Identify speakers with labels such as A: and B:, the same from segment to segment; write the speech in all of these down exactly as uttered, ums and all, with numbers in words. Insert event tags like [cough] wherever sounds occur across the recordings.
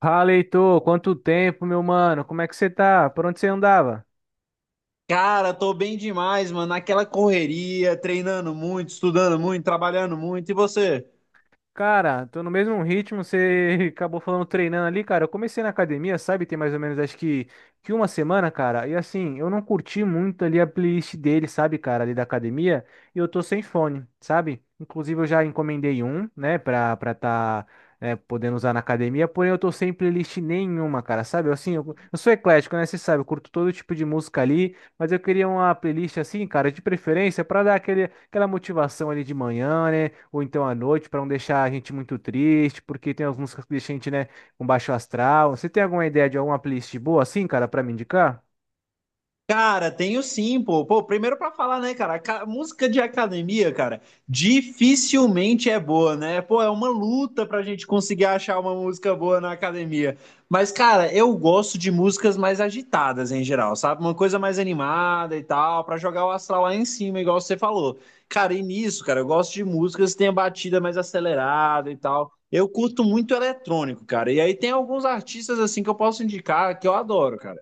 A: Fala, Heitor, quanto tempo, meu mano? Como é que você tá? Por onde você andava?
B: Cara, tô bem demais, mano. Naquela correria, treinando muito, estudando muito, trabalhando muito. E você?
A: Cara, tô no mesmo ritmo, você [laughs] acabou falando treinando ali, cara. Eu comecei na academia, sabe? Tem mais ou menos acho que, que uma semana, cara. E assim, eu não curti muito ali a playlist dele, sabe, cara, ali da academia. E eu tô sem fone, sabe? Inclusive eu já encomendei um, né, pra, pra tá, né, podendo usar na academia. Porém, eu tô sem playlist nenhuma, cara, sabe? Eu, assim, eu, eu sou eclético, né? Você sabe, eu curto todo tipo de música ali. Mas eu queria uma playlist assim, cara, de preferência, pra dar aquele, aquela motivação ali de manhã, né? Ou então à noite, para não deixar a gente muito triste, porque tem as músicas que deixam a gente, né, com baixo astral. Você tem alguma ideia de alguma playlist boa assim, cara, para me indicar?
B: Cara, tenho sim, pô. Pô, primeiro pra falar, né, cara? ca- Música de academia, cara, dificilmente é boa, né? Pô, é uma luta pra gente conseguir achar uma música boa na academia. Mas, cara, eu gosto de músicas mais agitadas em geral, sabe? Uma coisa mais animada e tal, pra jogar o astral lá em cima, igual você falou. Cara, e nisso, cara, eu gosto de músicas que tenham batida mais acelerada e tal. Eu curto muito eletrônico, cara. E aí tem alguns artistas assim que eu posso indicar que eu adoro, cara.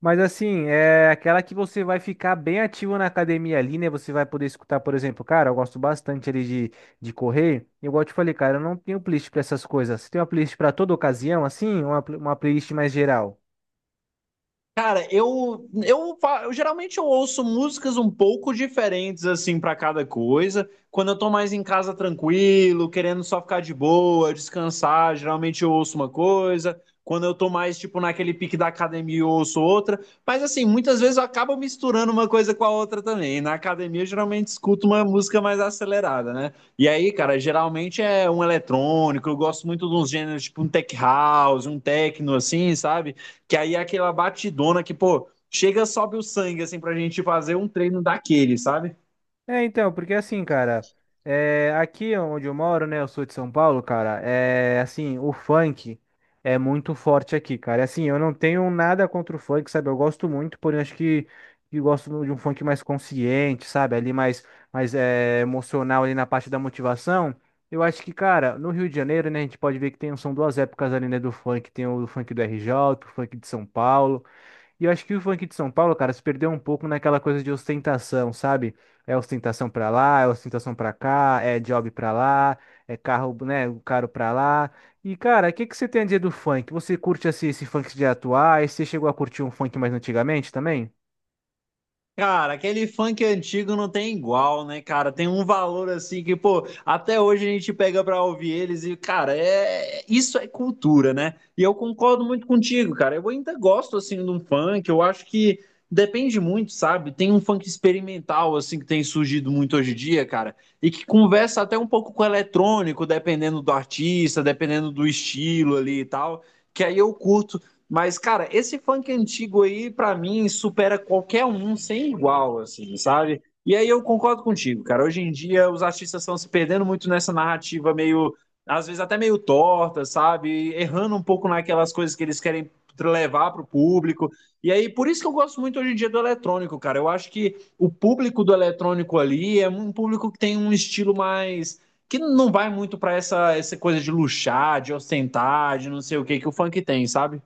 A: Mas assim, é aquela que você vai ficar bem ativo na academia ali, né? Você vai poder escutar, por exemplo, cara, eu gosto bastante ali de, de correr. E igual eu te falei, cara, eu não tenho playlist para essas coisas. Você tem uma playlist para toda ocasião, assim, ou uma, pl- uma playlist mais geral?
B: Cara, eu, eu, fa- eu geralmente eu ouço músicas um pouco diferentes assim pra cada coisa. Quando eu tô mais em casa tranquilo, querendo só ficar de boa, descansar, geralmente eu ouço uma coisa. Quando eu tô mais tipo naquele pique da academia, eu ouço outra. Mas assim, muitas vezes eu acabo misturando uma coisa com a outra também. Na academia eu geralmente escuto uma música mais acelerada, né? E aí, cara, geralmente é um eletrônico. Eu gosto muito de uns gêneros tipo um tech house, um techno assim, sabe? Que aí é aquela batidona que, pô, chega, sobe o sangue, assim, pra gente fazer um treino daquele, sabe?
A: É, então, porque assim, cara, é, aqui onde eu moro, né, eu sou de São Paulo, cara, é assim, o funk é muito forte aqui, cara. É assim, eu não tenho nada contra o funk, sabe? Eu gosto muito, porém acho que, que gosto de um funk mais consciente, sabe? Ali mais, mais é, emocional ali na parte da motivação. Eu acho que, cara, no Rio de Janeiro, né, a gente pode ver que tem, são duas épocas ali, né, do funk. Tem o funk do R J, o funk de São Paulo. E eu acho que o funk de São Paulo, cara, se perdeu um pouco naquela coisa de ostentação, sabe? É ostentação pra lá, é ostentação pra cá, é job pra lá, é carro, né, caro pra lá. E, cara, o que que você tem a dizer do funk? Você curte esse, esse funk de atuais? Você chegou a curtir um funk mais antigamente também?
B: Cara, aquele funk antigo não tem igual, né, cara? Tem um valor assim que, pô, até hoje a gente pega pra ouvir eles e, cara, é isso é cultura, né? E eu concordo muito contigo, cara. Eu ainda gosto assim de um funk, eu acho que depende muito, sabe? Tem um funk experimental assim que tem surgido muito hoje em dia, cara, e que conversa até um pouco com o eletrônico, dependendo do artista, dependendo do estilo ali e tal, que aí eu curto. Mas, cara, esse funk antigo aí, pra mim, supera qualquer um sem igual, assim, sabe? E aí eu concordo contigo, cara. Hoje em dia os artistas estão se perdendo muito nessa narrativa meio, às vezes até meio torta, sabe? Errando um pouco naquelas coisas que eles querem levar para o público. E aí, por isso que eu gosto muito hoje em dia do eletrônico, cara. Eu acho que o público do eletrônico ali é um público que tem um estilo mais. Que não vai muito para essa, essa coisa de luxar, de ostentar, de não sei o que que o funk tem, sabe?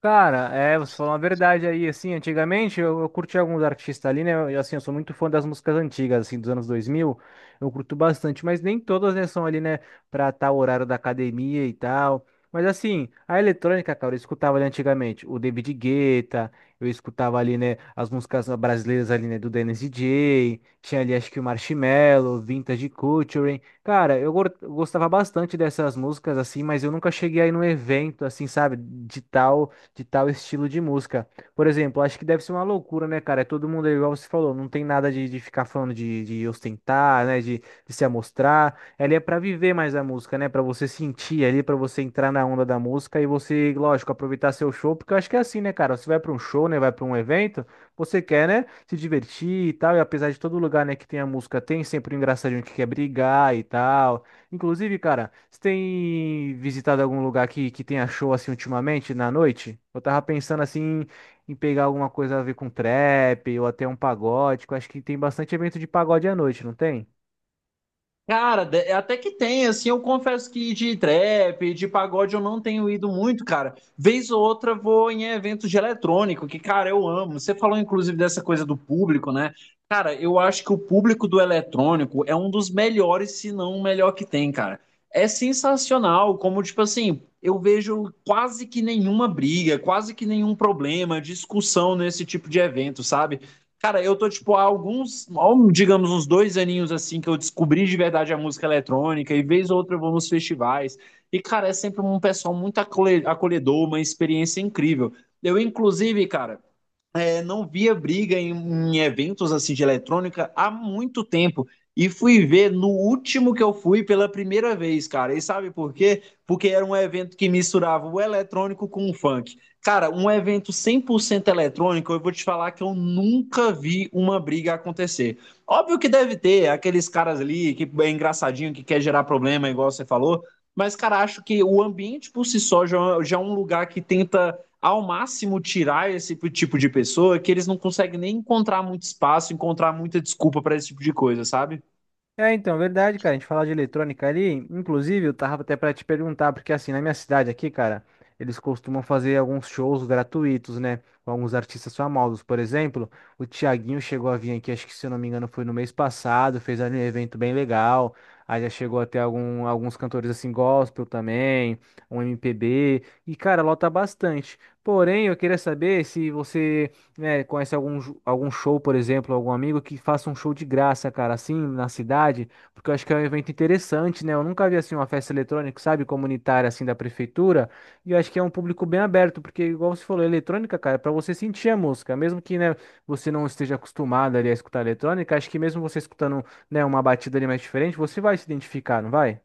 A: Cara, é, você falou uma verdade aí, assim, antigamente eu, eu curti alguns artistas ali, né, eu, assim, eu sou muito fã das músicas antigas, assim, dos anos dois mil eu curto bastante, mas nem todas, né, são ali, né, pra tal horário da academia e tal, mas assim, a eletrônica, cara, eu escutava ali antigamente o David Guetta, eu escutava ali, né, as músicas brasileiras ali, né, do Dennis D J, tinha ali, acho que o Marshmello, Vintage Culture, cara, eu gor- eu gostava bastante dessas músicas, assim, mas eu nunca cheguei aí num evento, assim, sabe, de tal de tal estilo de música. Por exemplo, acho que deve ser uma loucura, né, cara? É, todo mundo é igual você falou, não tem nada de, de ficar falando de, de ostentar, né, de, de se amostrar. Ela é pra viver mais a música, né, pra você sentir ali, pra você entrar na onda da música e você, lógico, aproveitar seu show, porque eu acho que é assim, né, cara? Você vai pra um show, né, vai pra um evento, você quer, né, se divertir e tal, e apesar de todo lugar, né, que tem a música, tem sempre um engraçadinho que quer brigar e tal. Inclusive, cara, você tem visitado algum lugar que, que tenha show assim ultimamente na noite? Eu tava pensando assim em pegar alguma coisa a ver com trap ou até um pagode, que eu acho que tem bastante evento de pagode à noite, não tem?
B: Cara, de- até que tem, assim, eu confesso que de trap, de pagode eu não tenho ido muito, cara. Vez ou outra eu vou em eventos de eletrônico, que, cara, eu amo. Você falou, inclusive, dessa coisa do público, né? Cara, eu acho que o público do eletrônico é um dos melhores, se não o melhor que tem, cara. É sensacional, como, tipo assim, eu vejo quase que nenhuma briga, quase que nenhum problema, discussão nesse tipo de evento, sabe? Cara, eu tô, tipo, há alguns, digamos, uns dois aninhos assim que eu descobri de verdade a música eletrônica, e vez ou outra eu vou nos festivais. E, cara, é sempre um pessoal muito acolhe- acolhedor, uma experiência incrível. Eu, inclusive, cara, é, não via briga em, em eventos assim de eletrônica há muito tempo. E fui ver no último que eu fui pela primeira vez, cara. E sabe por quê? Porque era um evento que misturava o eletrônico com o funk. Cara, um evento cem por cento eletrônico, eu vou te falar que eu nunca vi uma briga acontecer. Óbvio que deve ter aqueles caras ali que é engraçadinho, que quer gerar problema, igual você falou. Mas, cara, acho que o ambiente por si só já, já é um lugar que tenta ao máximo tirar esse tipo de pessoa que eles não conseguem nem encontrar muito espaço, encontrar muita desculpa para esse tipo de coisa, sabe?
A: É, então, verdade, cara. A gente falar de eletrônica ali, inclusive, eu tava até pra te perguntar, porque assim, na minha cidade aqui, cara, eles costumam fazer alguns shows gratuitos, né? Com alguns artistas famosos. Por exemplo, o Thiaguinho chegou a vir aqui, acho que se eu não me engano, foi no mês passado, fez ali um evento bem legal. Aí já chegou até algum, alguns cantores assim, gospel também, um M P B. E, cara, lota bastante. Porém, eu queria saber se você, né, conhece algum, ju- algum show, por exemplo, algum amigo que faça um show de graça, cara, assim, na cidade, porque eu acho que é um evento interessante, né? Eu nunca vi assim uma festa eletrônica, sabe, comunitária assim da prefeitura, e eu acho que é um público bem aberto, porque igual você falou, eletrônica, cara, é para você sentir a música, mesmo que, né, você não esteja acostumado ali a escutar eletrônica, acho que mesmo você escutando, né, uma batida ali mais diferente, você vai se identificar, não vai?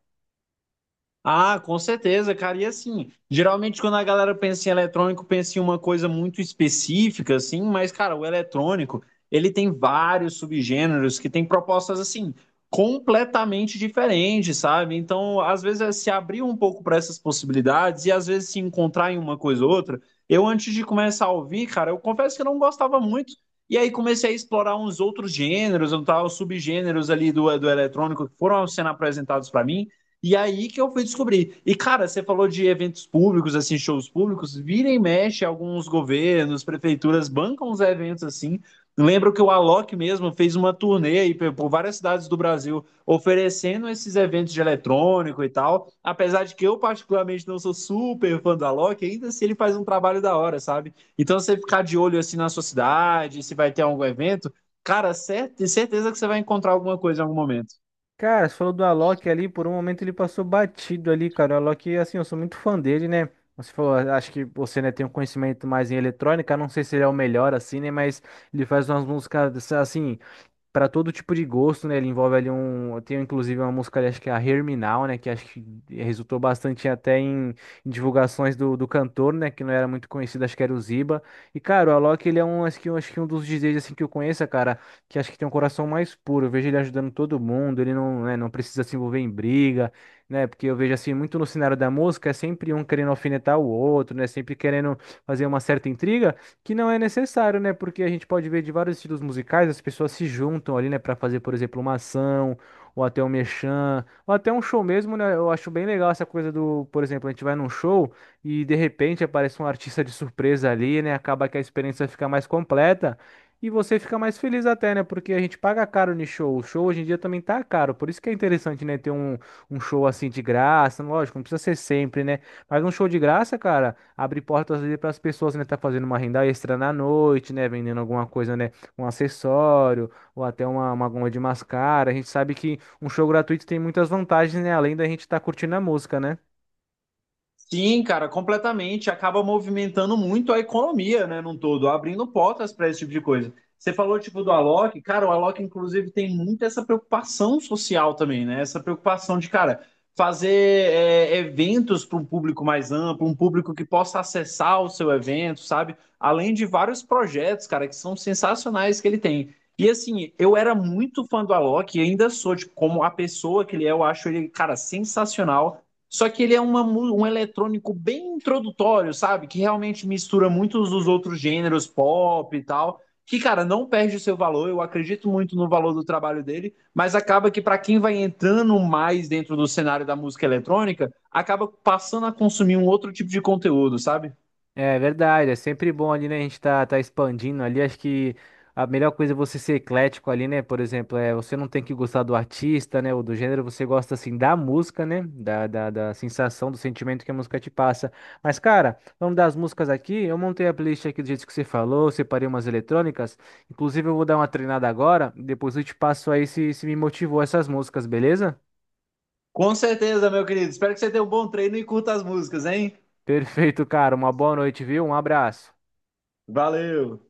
B: Ah, com certeza, cara. E assim, geralmente quando a galera pensa em eletrônico, pensa em uma coisa muito específica, assim, mas, cara, o eletrônico, ele tem vários subgêneros que tem propostas, assim, completamente diferentes, sabe? Então, às vezes, é se abrir um pouco para essas possibilidades e às vezes se encontrar em uma coisa ou outra. Eu, antes de começar a ouvir, cara, eu confesso que eu não gostava muito. E aí comecei a explorar uns outros gêneros, um tal, subgêneros ali do, do eletrônico que foram sendo apresentados para mim. E aí que eu fui descobrir. E, cara, você falou de eventos públicos, assim, shows públicos, vira e mexe, alguns governos, prefeituras bancam os eventos assim. Lembro que o Alok mesmo fez uma turnê aí pe- por várias cidades do Brasil oferecendo esses eventos de eletrônico e tal. Apesar de que eu, particularmente, não sou super fã do Alok, ainda se assim ele faz um trabalho da hora, sabe? Então você ficar de olho assim na sua cidade, se vai ter algum evento, cara, cert certeza que você vai encontrar alguma coisa em algum momento.
A: Cara, você falou do Alok ali, por um momento ele passou batido ali, cara. O Alok, assim, eu sou muito fã dele, né? Você falou, a- acho que você, né, tem um conhecimento mais em eletrônica, não sei se ele é o melhor, assim, né? Mas ele faz umas músicas, assim, para todo tipo de gosto, né? Ele envolve ali um. Tem inclusive uma música ali, acho que é a Herminal, né? Que acho que resultou bastante até em, em divulgações do, do cantor, né? Que não era muito conhecido, acho que era o Ziba. E, cara, o Alok, ele é um, acho que, acho que um dos D Js assim, que eu conheço, cara, que acho que tem um coração mais puro. Eu vejo ele ajudando todo mundo, ele não, né, não precisa se envolver em briga, né? Porque eu vejo assim, muito no cenário da música, é sempre um querendo alfinetar o outro, né? Sempre querendo fazer uma certa intriga. Que não é necessário, né? Porque a gente pode ver de vários estilos musicais, as pessoas se juntam ali, né, pra fazer, por exemplo, uma ação, ou até um merchan, ou até um show mesmo, né? Eu acho bem legal essa coisa do, por exemplo, a gente vai num show e de repente aparece um artista de surpresa ali, né? Acaba que a experiência fica mais completa e você fica mais feliz até, né? Porque a gente paga caro no show. O show hoje em dia também tá caro, por isso que é interessante, né, ter um, um show assim de graça, lógico, não precisa ser sempre, né? Mas um show de graça, cara, abre portas ali para as pessoas, né, tá fazendo uma renda extra na noite, né, vendendo alguma coisa, né, um acessório ou até uma, uma goma de mascara. A gente sabe que um show gratuito tem muitas vantagens, né, além da gente estar curtindo a música, né?
B: Sim, cara, completamente. Acaba movimentando muito a economia, né, num todo, abrindo portas para esse tipo de coisa. Você falou, tipo, do Alok, cara, o Alok, inclusive, tem muito essa preocupação social também, né? Essa preocupação de, cara, fazer é, eventos para um público mais amplo, um público que possa acessar o seu evento, sabe? Além de vários projetos, cara, que são sensacionais que ele tem. E assim, eu era muito fã do Alok e ainda sou, tipo, como a pessoa que ele é, eu acho ele, cara, sensacional. Só que ele é uma, um eletrônico bem introdutório, sabe? Que realmente mistura muitos dos outros gêneros pop e tal. Que, cara, não perde o seu valor. Eu acredito muito no valor do trabalho dele, mas acaba que, para quem vai entrando mais dentro do cenário da música eletrônica, acaba passando a consumir um outro tipo de conteúdo, sabe?
A: É verdade, é sempre bom ali, né? A gente tá, tá expandindo ali. Acho que a melhor coisa é você ser eclético ali, né? Por exemplo, é, você não tem que gostar do artista, né? Ou do gênero, você gosta assim da música, né? Da, da, da sensação, do sentimento que a música te passa. Mas, cara, vamos das músicas aqui. Eu montei a playlist aqui do jeito que você falou, separei umas eletrônicas. Inclusive, eu vou dar uma treinada agora. Depois eu te passo aí se, se me motivou essas músicas, beleza?
B: Com certeza, meu querido. Espero que você tenha um bom treino e curta as músicas, hein?
A: Perfeito, cara. Uma boa noite, viu? Um abraço.
B: Valeu!